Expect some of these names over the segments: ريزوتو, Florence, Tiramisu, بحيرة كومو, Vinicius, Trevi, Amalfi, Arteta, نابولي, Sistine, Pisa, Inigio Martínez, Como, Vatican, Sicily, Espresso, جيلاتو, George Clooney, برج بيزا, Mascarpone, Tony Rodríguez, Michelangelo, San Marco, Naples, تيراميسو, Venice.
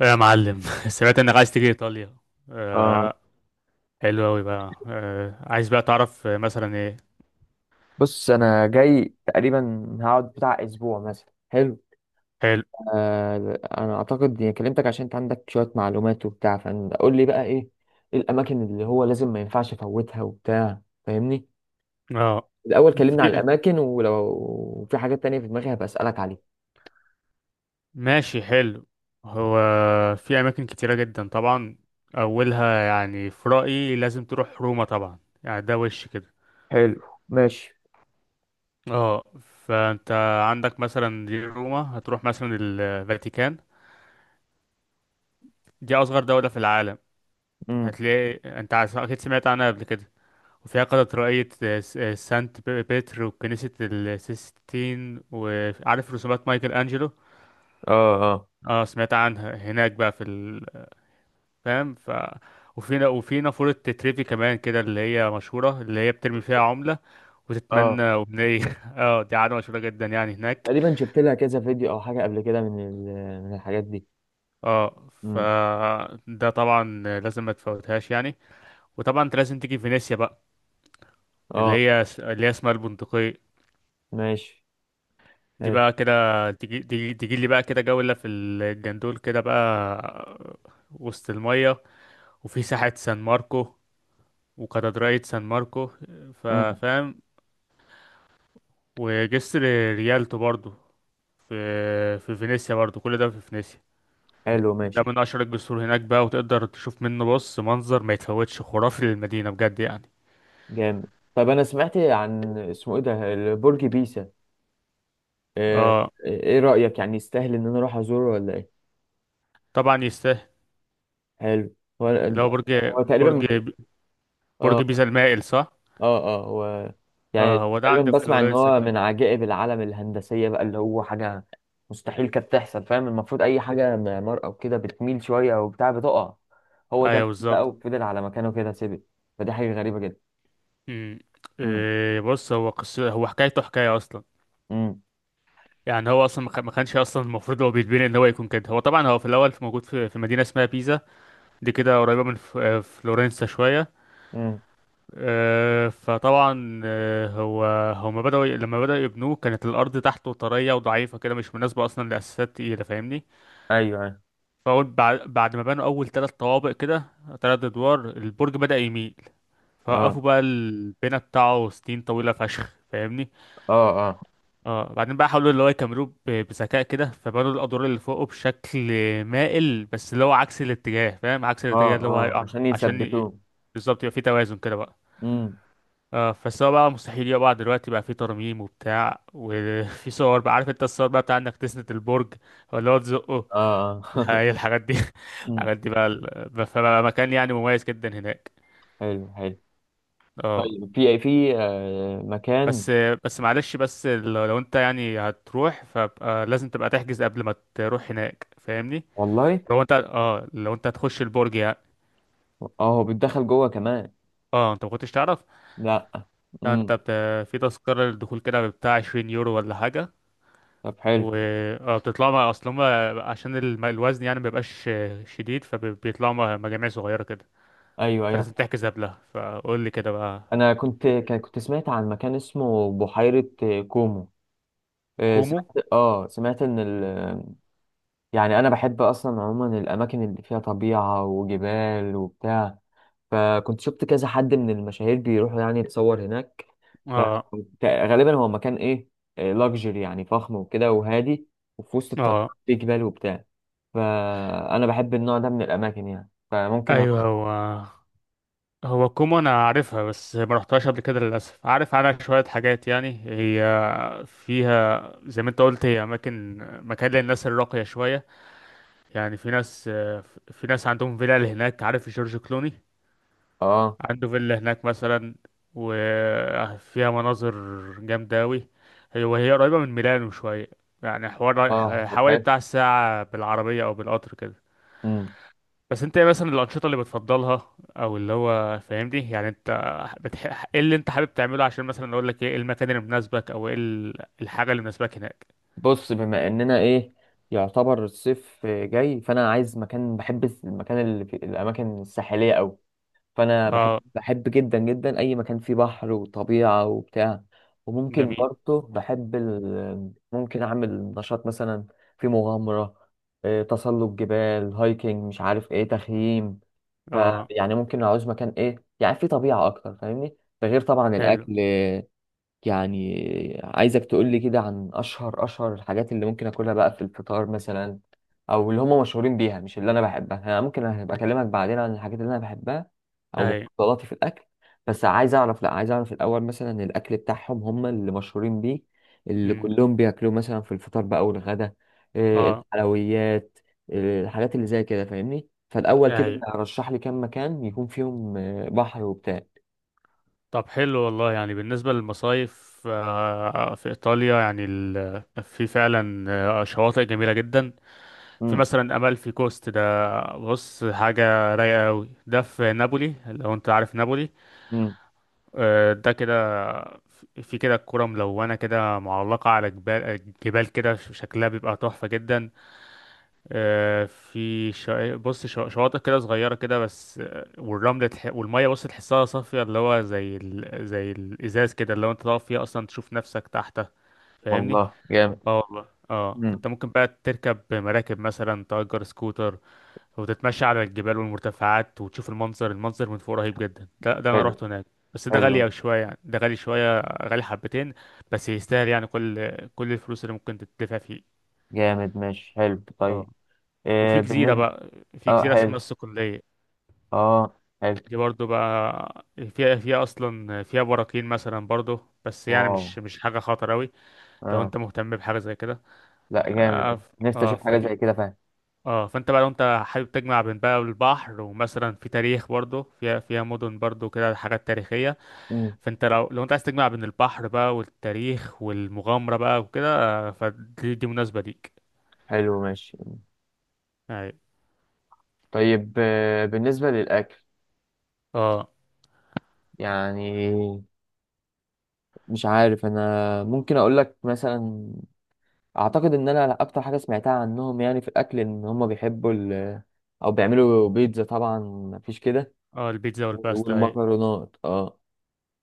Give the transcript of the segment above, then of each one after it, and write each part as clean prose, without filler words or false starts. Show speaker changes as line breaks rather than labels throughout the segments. إيه يا معلم سمعت انك عايز تيجي ايطاليا.
اه،
آه. حلو اوي بقى. عايز بقى تعرف مثلا ايه؟
بص انا جاي تقريبا هقعد بتاع اسبوع مثلا. حلو.
حلو.
انا اعتقد اني كلمتك عشان انت عندك شويه معلومات وبتاع، فقول لي بقى ايه؟ إيه الاماكن اللي هو لازم ما ينفعش افوتها وبتاع، فاهمني؟
اه.
الاول كلمنا على
في.
الاماكن، ولو في حاجات تانية في دماغي هبقى اسالك عليها.
ماشي حلو. هو في اماكن كتيره جدا طبعا. اولها يعني في رايي لازم تروح روما طبعا، يعني ده وش كده.
حلو، ماشي.
اه. فانت عندك مثلا دي روما، هتروح مثلا الفاتيكان، دي اصغر دوله في العالم.
امم.
هتلاقي انت اكيد سمعت عنها قبل كده. وفيها قلعة رؤية، سانت بيتر وكنيسة السيستين، وعارف رسومات مايكل أنجلو.
اه، اه،
اه سمعت عنها هناك بقى في ال... فاهم؟ ف وفي نافورة تريفي كمان كده اللي هي مشهورة، اللي هي بترمي فيها عملة
اه،
وتتمنى
آه.
أمنية اه دي عادة مشهورة جدا يعني هناك.
تقريبا شفت لها كذا فيديو او حاجه قبل كده، من من الحاجات دي.
اه ف
امم،
ده طبعا لازم ما تفوتهاش يعني. وطبعا انت لازم تيجي فينيسيا بقى، اللي
اه،
هي اللي هي اسمها البندقية.
ماشي،
دي
حلو.
بقى كده تجي تجي لي بقى كده جولة في الجندول كده بقى، وسط المية. وفي ساحة سان ماركو، وكاتدرائية سان ماركو،
امم،
فاهم؟ وجسر ريالتو برضو، في في فينيسيا برضو، كل ده في فينيسيا.
حلو، ماشي،
ده من أشهر الجسور هناك بقى، وتقدر تشوف منه بص منظر ما يتفوتش، خرافي للمدينة بجد يعني.
جامد. طب انا سمعت عن اسمه ايه ده، برج بيزا. آه،
اه
ايه رأيك؟ يعني يستاهل ان انا اروح ازوره ولا ايه؟
طبعا يستاهل،
حلو. هو
اللي هو برج،
هو تقريبا
برج
اه،
برج بيزا المائل، صح.
اه، اه. هو، يعني
اه هو ده
تقريبا
عند
بسمع ان
فلورنسا
هو
كده.
من عجائب العالم الهندسية بقى، اللي هو حاجة مستحيل كانت تحصل. فاهم، المفروض اي حاجة معمار او كده بتميل شوية او بتاع بتقع، هو ده
ايوه
بقى
بالظبط.
وفضل على مكانه كده سيبه. فدي حاجة غريبة جدا.
امم.
امم،
إيه بص هو قصة، هو حكايته حكاية أصلا.
امم،
يعني هو أصلا ما كانش أصلا المفروض هو بيتبني إن هو يكون كده. هو طبعا هو في الأول في موجود في مدينة اسمها بيزا. دي كده قريبة من فلورنسا شوية.
امم.
فطبعا هو هما لما بدأوا يبنوه، كانت الأرض تحته طرية وضعيفة كده، مش مناسبة أصلا لأساسات تقيلة، فاهمني؟
ايوه، أيوة.
فأول بعد ما بنوا أول تلات طوابق كده، تلات أدوار البرج بدأ يميل. فوقفوا
اه،
بقى البناء بتاعه سنين طويلة فشخ، فاهمني؟
اه، آه.
اه بعدين بقى حاولوا اللي هو يكملوه بذكاء كده، فبنوا الادوار اللي فوقه بشكل مائل، بس اللي هو عكس الاتجاه، فاهم؟ عكس
اه،
الاتجاه اللي هو
اه،
هيقع منه،
عشان
عشان ي...
يثبتوه.
بالظبط، يبقى في توازن كده بقى.
امم،
اه فالسوا بقى مستحيل يقع بقى دلوقتي، بقى في ترميم وبتاع، وفي صور بقى، عارف انت الصور بقى بتاع انك تسند البرج ولا هو تزقه،
اه، اه،
هي الحاجات دي.
امم،
الحاجات دي بقى ال- فبقى مكان يعني مميز جدا هناك.
حلو، حلو،
اه.
طيب. في مكان.
بس بس معلش، بس لو انت يعني هتروح فبقى لازم تبقى تحجز قبل ما تروح هناك، فاهمني؟
والله،
لو انت اه لو انت هتخش البرج يعني.
اه، هو بيتدخل جوه كمان؟
اه انت ما كنتش تعرف.
لا.
لا انت
امم.
بت... في تذكرة للدخول كده بتاع 20 يورو ولا حاجة.
طب حلو.
و اه بتطلعوا مع اصل هما عشان الوزن يعني مبيبقاش شديد، فبيطلعوا مع مجاميع صغيرة كده.
ايوه، ايوه.
فلازم تحجز قبلها، فقول لي كده بقى.
انا كنت سمعت عن مكان اسمه بحيرة كومو.
كومو.
سمعت. يعني انا بحب اصلا عموما الاماكن اللي فيها طبيعة وجبال وبتاع. فكنت شفت كذا حد من المشاهير بيروحوا يعني يتصور هناك. ف-
اه
غالبا هو مكان ايه، لاكجري يعني، فخم وكده وهادي، وفي وسط الطبيعة،
اه
في جبال وبتاع. فانا بحب النوع ده من الاماكن يعني، فممكن
ايوه
أروح.
هو. كومو انا عارفها بس ما رحتهاش قبل كده للاسف. عارف عنها شويه حاجات يعني. هي فيها زي ما انت قلت، هي اماكن، مكان للناس الراقيه شويه. يعني في ناس في ناس عندهم فيلل هناك، عارف جورج كلوني
اه،
عنده فيلا هناك مثلا. وفيها مناظر جامدة أوي. هي وهي قريبة من ميلانو شوية، يعني حوار،
اه، طب
حوالي
حلو.
بتاع ساعة بالعربية أو بالقطر كده.
مم.
بس انت ايه مثلا الأنشطة اللي بتفضلها، أو اللي هو فاهمني يعني انت بتح... ايه اللي انت حابب تعمله، عشان مثلا أقول لك ايه، إيه المكان اللي مناسبك، أو ايه ال- الحاجة اللي مناسباك هناك.
بص، بما اننا ايه، يعتبر الصيف جاي، فانا عايز مكان، بحب المكان اللي في الاماكن الساحليه قوي. فانا بحب
اه.
بحب جدا جدا اي مكان فيه بحر وطبيعه وبتاع. وممكن
جميل.
برضه ممكن اعمل نشاط مثلا في مغامره، تسلق جبال، هايكنج، مش عارف ايه، تخييم.
اه.
فيعني ممكن اعوز مكان ايه يعني فيه طبيعه اكتر، فاهمني؟ ده غير طبعا
حلو.
الاكل. يعني عايزك تقولي كده عن أشهر الحاجات اللي ممكن أكلها بقى في الفطار مثلا، أو اللي هم مشهورين بيها، مش اللي أنا بحبها. أنا ممكن أبقى أكلمك بعدين عن الحاجات اللي أنا بحبها أو
اي.
مفضلاتي في الأكل. بس عايز أعرف، لأ عايز أعرف الأول مثلا الأكل بتاعهم هم اللي مشهورين بيه، اللي
امم.
كلهم بياكلوه مثلا في الفطار بقى والغدا. إيه،
اه.
الحلويات، إيه، الحاجات اللي زي كده، فاهمني؟ فالأول كده
اي.
رشح لي كام مكان يكون فيهم بحر وبتاع.
طب حلو والله، يعني بالنسبة للمصايف، في إيطاليا يعني ال- في فعلا شواطئ جميلة جدا. في
امم.
مثلا أمالفي كوست ده، بص حاجة رايقة أوي. ده في نابولي، لو أنت عارف نابولي.
مم.
ده كده في كده كرة ملونة كده معلقة على جبال كده، شكلها بيبقى تحفة جدا. في شا... بص شواطئ كده صغيرة كده بس، والرمل تح... والمية بص تحسها صافية، اللي هو زي ال... زي الإزاز كده، اللي هو أنت تقف فيها أصلا تشوف نفسك تحتها، فاهمني؟
والله جامد.
اه والله اه. فأنت ممكن بقى تركب مراكب مثلا، تأجر سكوتر وتتمشى على الجبال والمرتفعات وتشوف المنظر، المنظر من فوق رهيب جدا، ده أنا
حلو،
رحت هناك. بس ده
حلو.
غالي أوي شوية، يعني ده غالي شوية غالي حبتين. بس يستاهل يعني، كل الفلوس اللي ممكن تدفع فيه.
جامد، ماشي، حلو، طيب.
اه.
إيه
وفي جزيرة
بالنسبة.
بقى، في
اه،
جزيرة اسمها
حلو.
الصقلية.
اه، حلو.
دي برضو بقى فيها أصلا فيها براكين مثلا برضو، بس يعني
واو.
مش حاجة خطر أوي. لو
اه.
أنت مهتم بحاجة زي كده.
لا، جامد. اه، نفسي اشوف حاجة زي
فدي
كده فعلا.
اه. فأنت بقى لو أنت حابب تجمع بين بقى البحر، ومثلا في تاريخ برضو، فيها مدن برضو كده حاجات تاريخية.
مم.
فأنت لو أنت عايز تجمع بين البحر بقى والتاريخ والمغامرة بقى وكده، آه، فدي دي مناسبة ليك.
حلو، ماشي،
أي.
طيب. بالنسبة للأكل،
اه
يعني مش عارف. أنا ممكن أقول لك مثلا، أعتقد إن أنا أكتر حاجة سمعتها عنهم يعني في الأكل إن هم بيحبوا ال، أو بيعملوا بيتزا طبعا، مفيش كده.
اه. البيتزا والباستا أي.
والمكرونات. اه.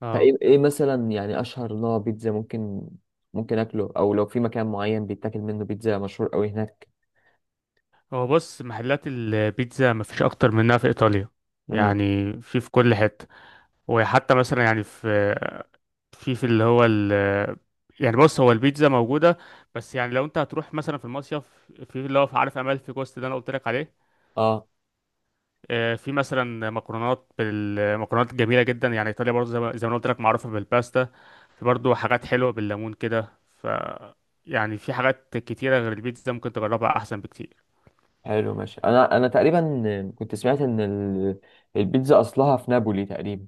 اه
فايه مثلا يعني اشهر نوع بيتزا ممكن اكله، او لو في مكان معين بيتاكل منه بيتزا مشهور قوي هناك.
هو بص محلات البيتزا مفيش اكتر منها في ايطاليا،
امم،
يعني في في كل حته. وحتى مثلا يعني في اللي هو ال يعني بص هو البيتزا موجوده، بس يعني لو انت هتروح مثلا في المصيف، في اللي هو في عارف امال في جوست ده انا قلت لك عليه.
اه،
في مثلا مكرونات، بالمكرونات جميله جدا، يعني ايطاليا برضه زي ما أنا قلت لك معروفه بالباستا. في برضه حاجات حلوه بالليمون كده. ف يعني في حاجات كتيره غير البيتزا ممكن تجربها احسن بكتير.
حلو، ماشي. انا تقريبا كنت سمعت ان البيتزا اصلها في نابولي تقريبا،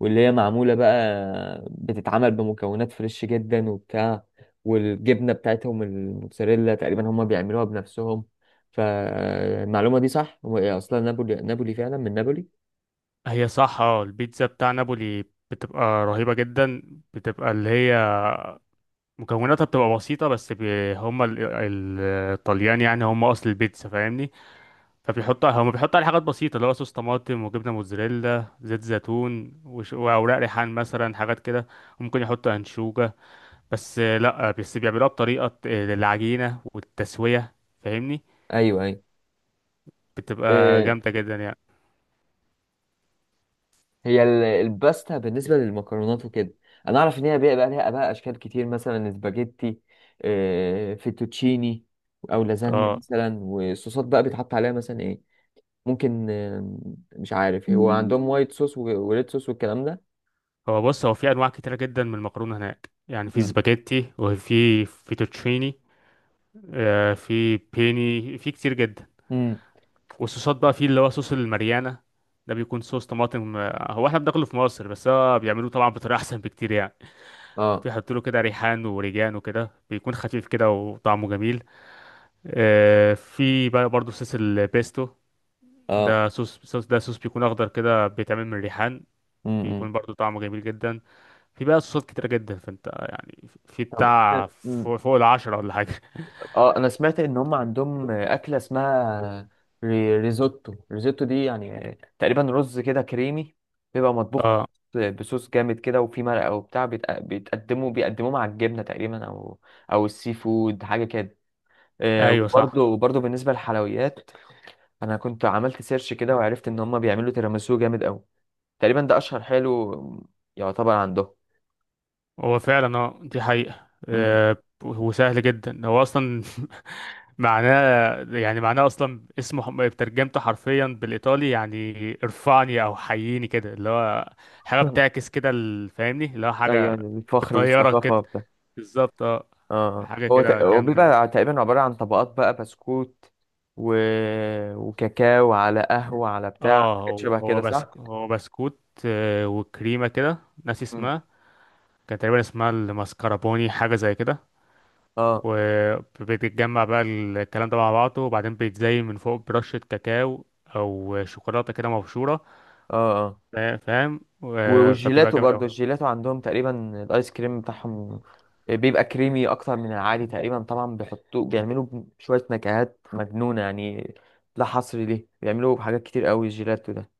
واللي هي معموله بقى، بتتعمل بمكونات فريش جدا وبتاع، والجبنه بتاعتهم الموتزاريلا تقريبا هم بيعملوها بنفسهم. فالمعلومه دي صح؟ هو إيه اصلا نابولي، نابولي فعلا من نابولي؟
هي صح اه. البيتزا بتاع نابولي بتبقى رهيبة جدا، بتبقى اللي هي مكوناتها بتبقى بسيطة، بس بي هم ال- ال- الطليان يعني هم أصل البيتزا، فاهمني؟ فبيحطوا هم بيحطوا عليها حاجات بسيطة، اللي هو صوص طماطم وجبنة موتزاريلا، زيت زيتون وأوراق ريحان مثلا، حاجات كده، ممكن يحطوا أنشوجة. بس لأ بس بيعملوها بطريقة العجينة والتسوية، فاهمني؟
ايوه،
بتبقى
ايوه.
جامدة جدا يعني.
هي الباستا بالنسبة للمكرونات وكده، أنا أعرف إن هي بقى لها بقى أشكال كتير مثلا سباجيتي، فيتوتشيني، أو لازانيا
اه
مثلا. والصوصات بقى بيتحط عليها مثلا إيه؟ ممكن مش عارف هو عندهم وايت صوص وريد صوص والكلام ده.
هو بص هو في انواع كتيره جدا من المكرونه هناك، يعني في
مم.
سباجيتي وفي فيتوتشيني، في بيني، في كتير جدا.
امم،
والصوصات بقى، في اللي هو صوص الماريانا، ده بيكون صوص طماطم، هو احنا بناكله في مصر، بس هو بيعملوه طبعا بطريقه احسن بكتير يعني.
اه،
بيحطوا له كده ريحان وريجان وكده، بيكون خفيف كده وطعمه جميل. في بقى برضه صوص البيستو،
اه،
ده صوص صوص ده صوص بيكون اخضر كده، بيتعمل من الريحان،
امم،
بيكون برضه طعمه جميل جدا. في بقى صوصات كتيرة جدا، فانت يعني في
طب،
بتاع فوق العشرة ولا حاجة.
اه. انا سمعت ان هم عندهم اكله اسمها ريزوتو. ريزوتو دي يعني تقريبا رز كده كريمي، بيبقى مطبوخ
اه.
بصوص جامد كده وفي مرقه وبتاع. بيتق- بيتقدموا بيقدموه مع الجبنه تقريبا او او السي فود حاجه كده.
ايوه صح.
وبرضه بالنسبه للحلويات، انا كنت عملت سيرش كده وعرفت ان هم بيعملوا تيراميسو جامد قوي، تقريبا ده اشهر حلو يعتبر عندهم.
هو فعلا اه دي حقيقة.
مم.
وسهل جدا هو اصلا. معناه يعني، معناه اصلا اسمه ترجمته حرفيا بالايطالي يعني ارفعني او حييني كده، اللي هو حاجة بتعكس كده ال- فاهمني؟ اللي هو
ايوه،
حاجة
الفخر
بتطيرك كده.
والثقافه.
بالظبط اه.
اه،
حاجة
هو
كده
تق- هو
جامدة أوي.
بيبقى تقريبا عبارة عن طبقات بقى بسكوت و... وكاكاو على قهوة على بتاع،
اه
حاجات
هو
شبه كده
هو
صح؟
بسك هو بسكوت، وكريمة كده، ناسي
مم.
اسمها، كان تقريبا اسمها الماسكربوني حاجة زي كده.
اه،
وبتتجمع بقى الكلام ده مع بعضه، وبعدين بيتزين من فوق برشة كاكاو أو شوكولاتة كده مبشورة.
اه، اه. ايوه،
فبتبقى
والجيلاتو
جامد
برضه،
أوي.
الجيلاتو عندهم تقريبا الايس كريم بتاعهم، بيبقى كريمي اكتر من العادي. تقريبا طبعا بيحطوه، بيعملوا شوية نكهات مجنونة يعني، لا حصر ليه، بيعملوا حاجات كتير قوي الجيلاتو ده،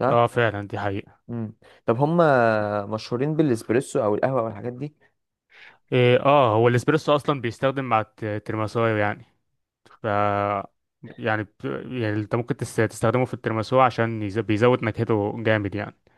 صح؟
اه فعلا دي حقيقة.
مم. طب هم مشهورين بالاسبريسو او القهوة او الحاجات دي؟
إيه اه هو الاسبريسو أصلا بيستخدم مع الترماسو يعني. ف يعني انت ممكن تستخدمه في الترماسو، عشان بيزود نكهته جامد يعني.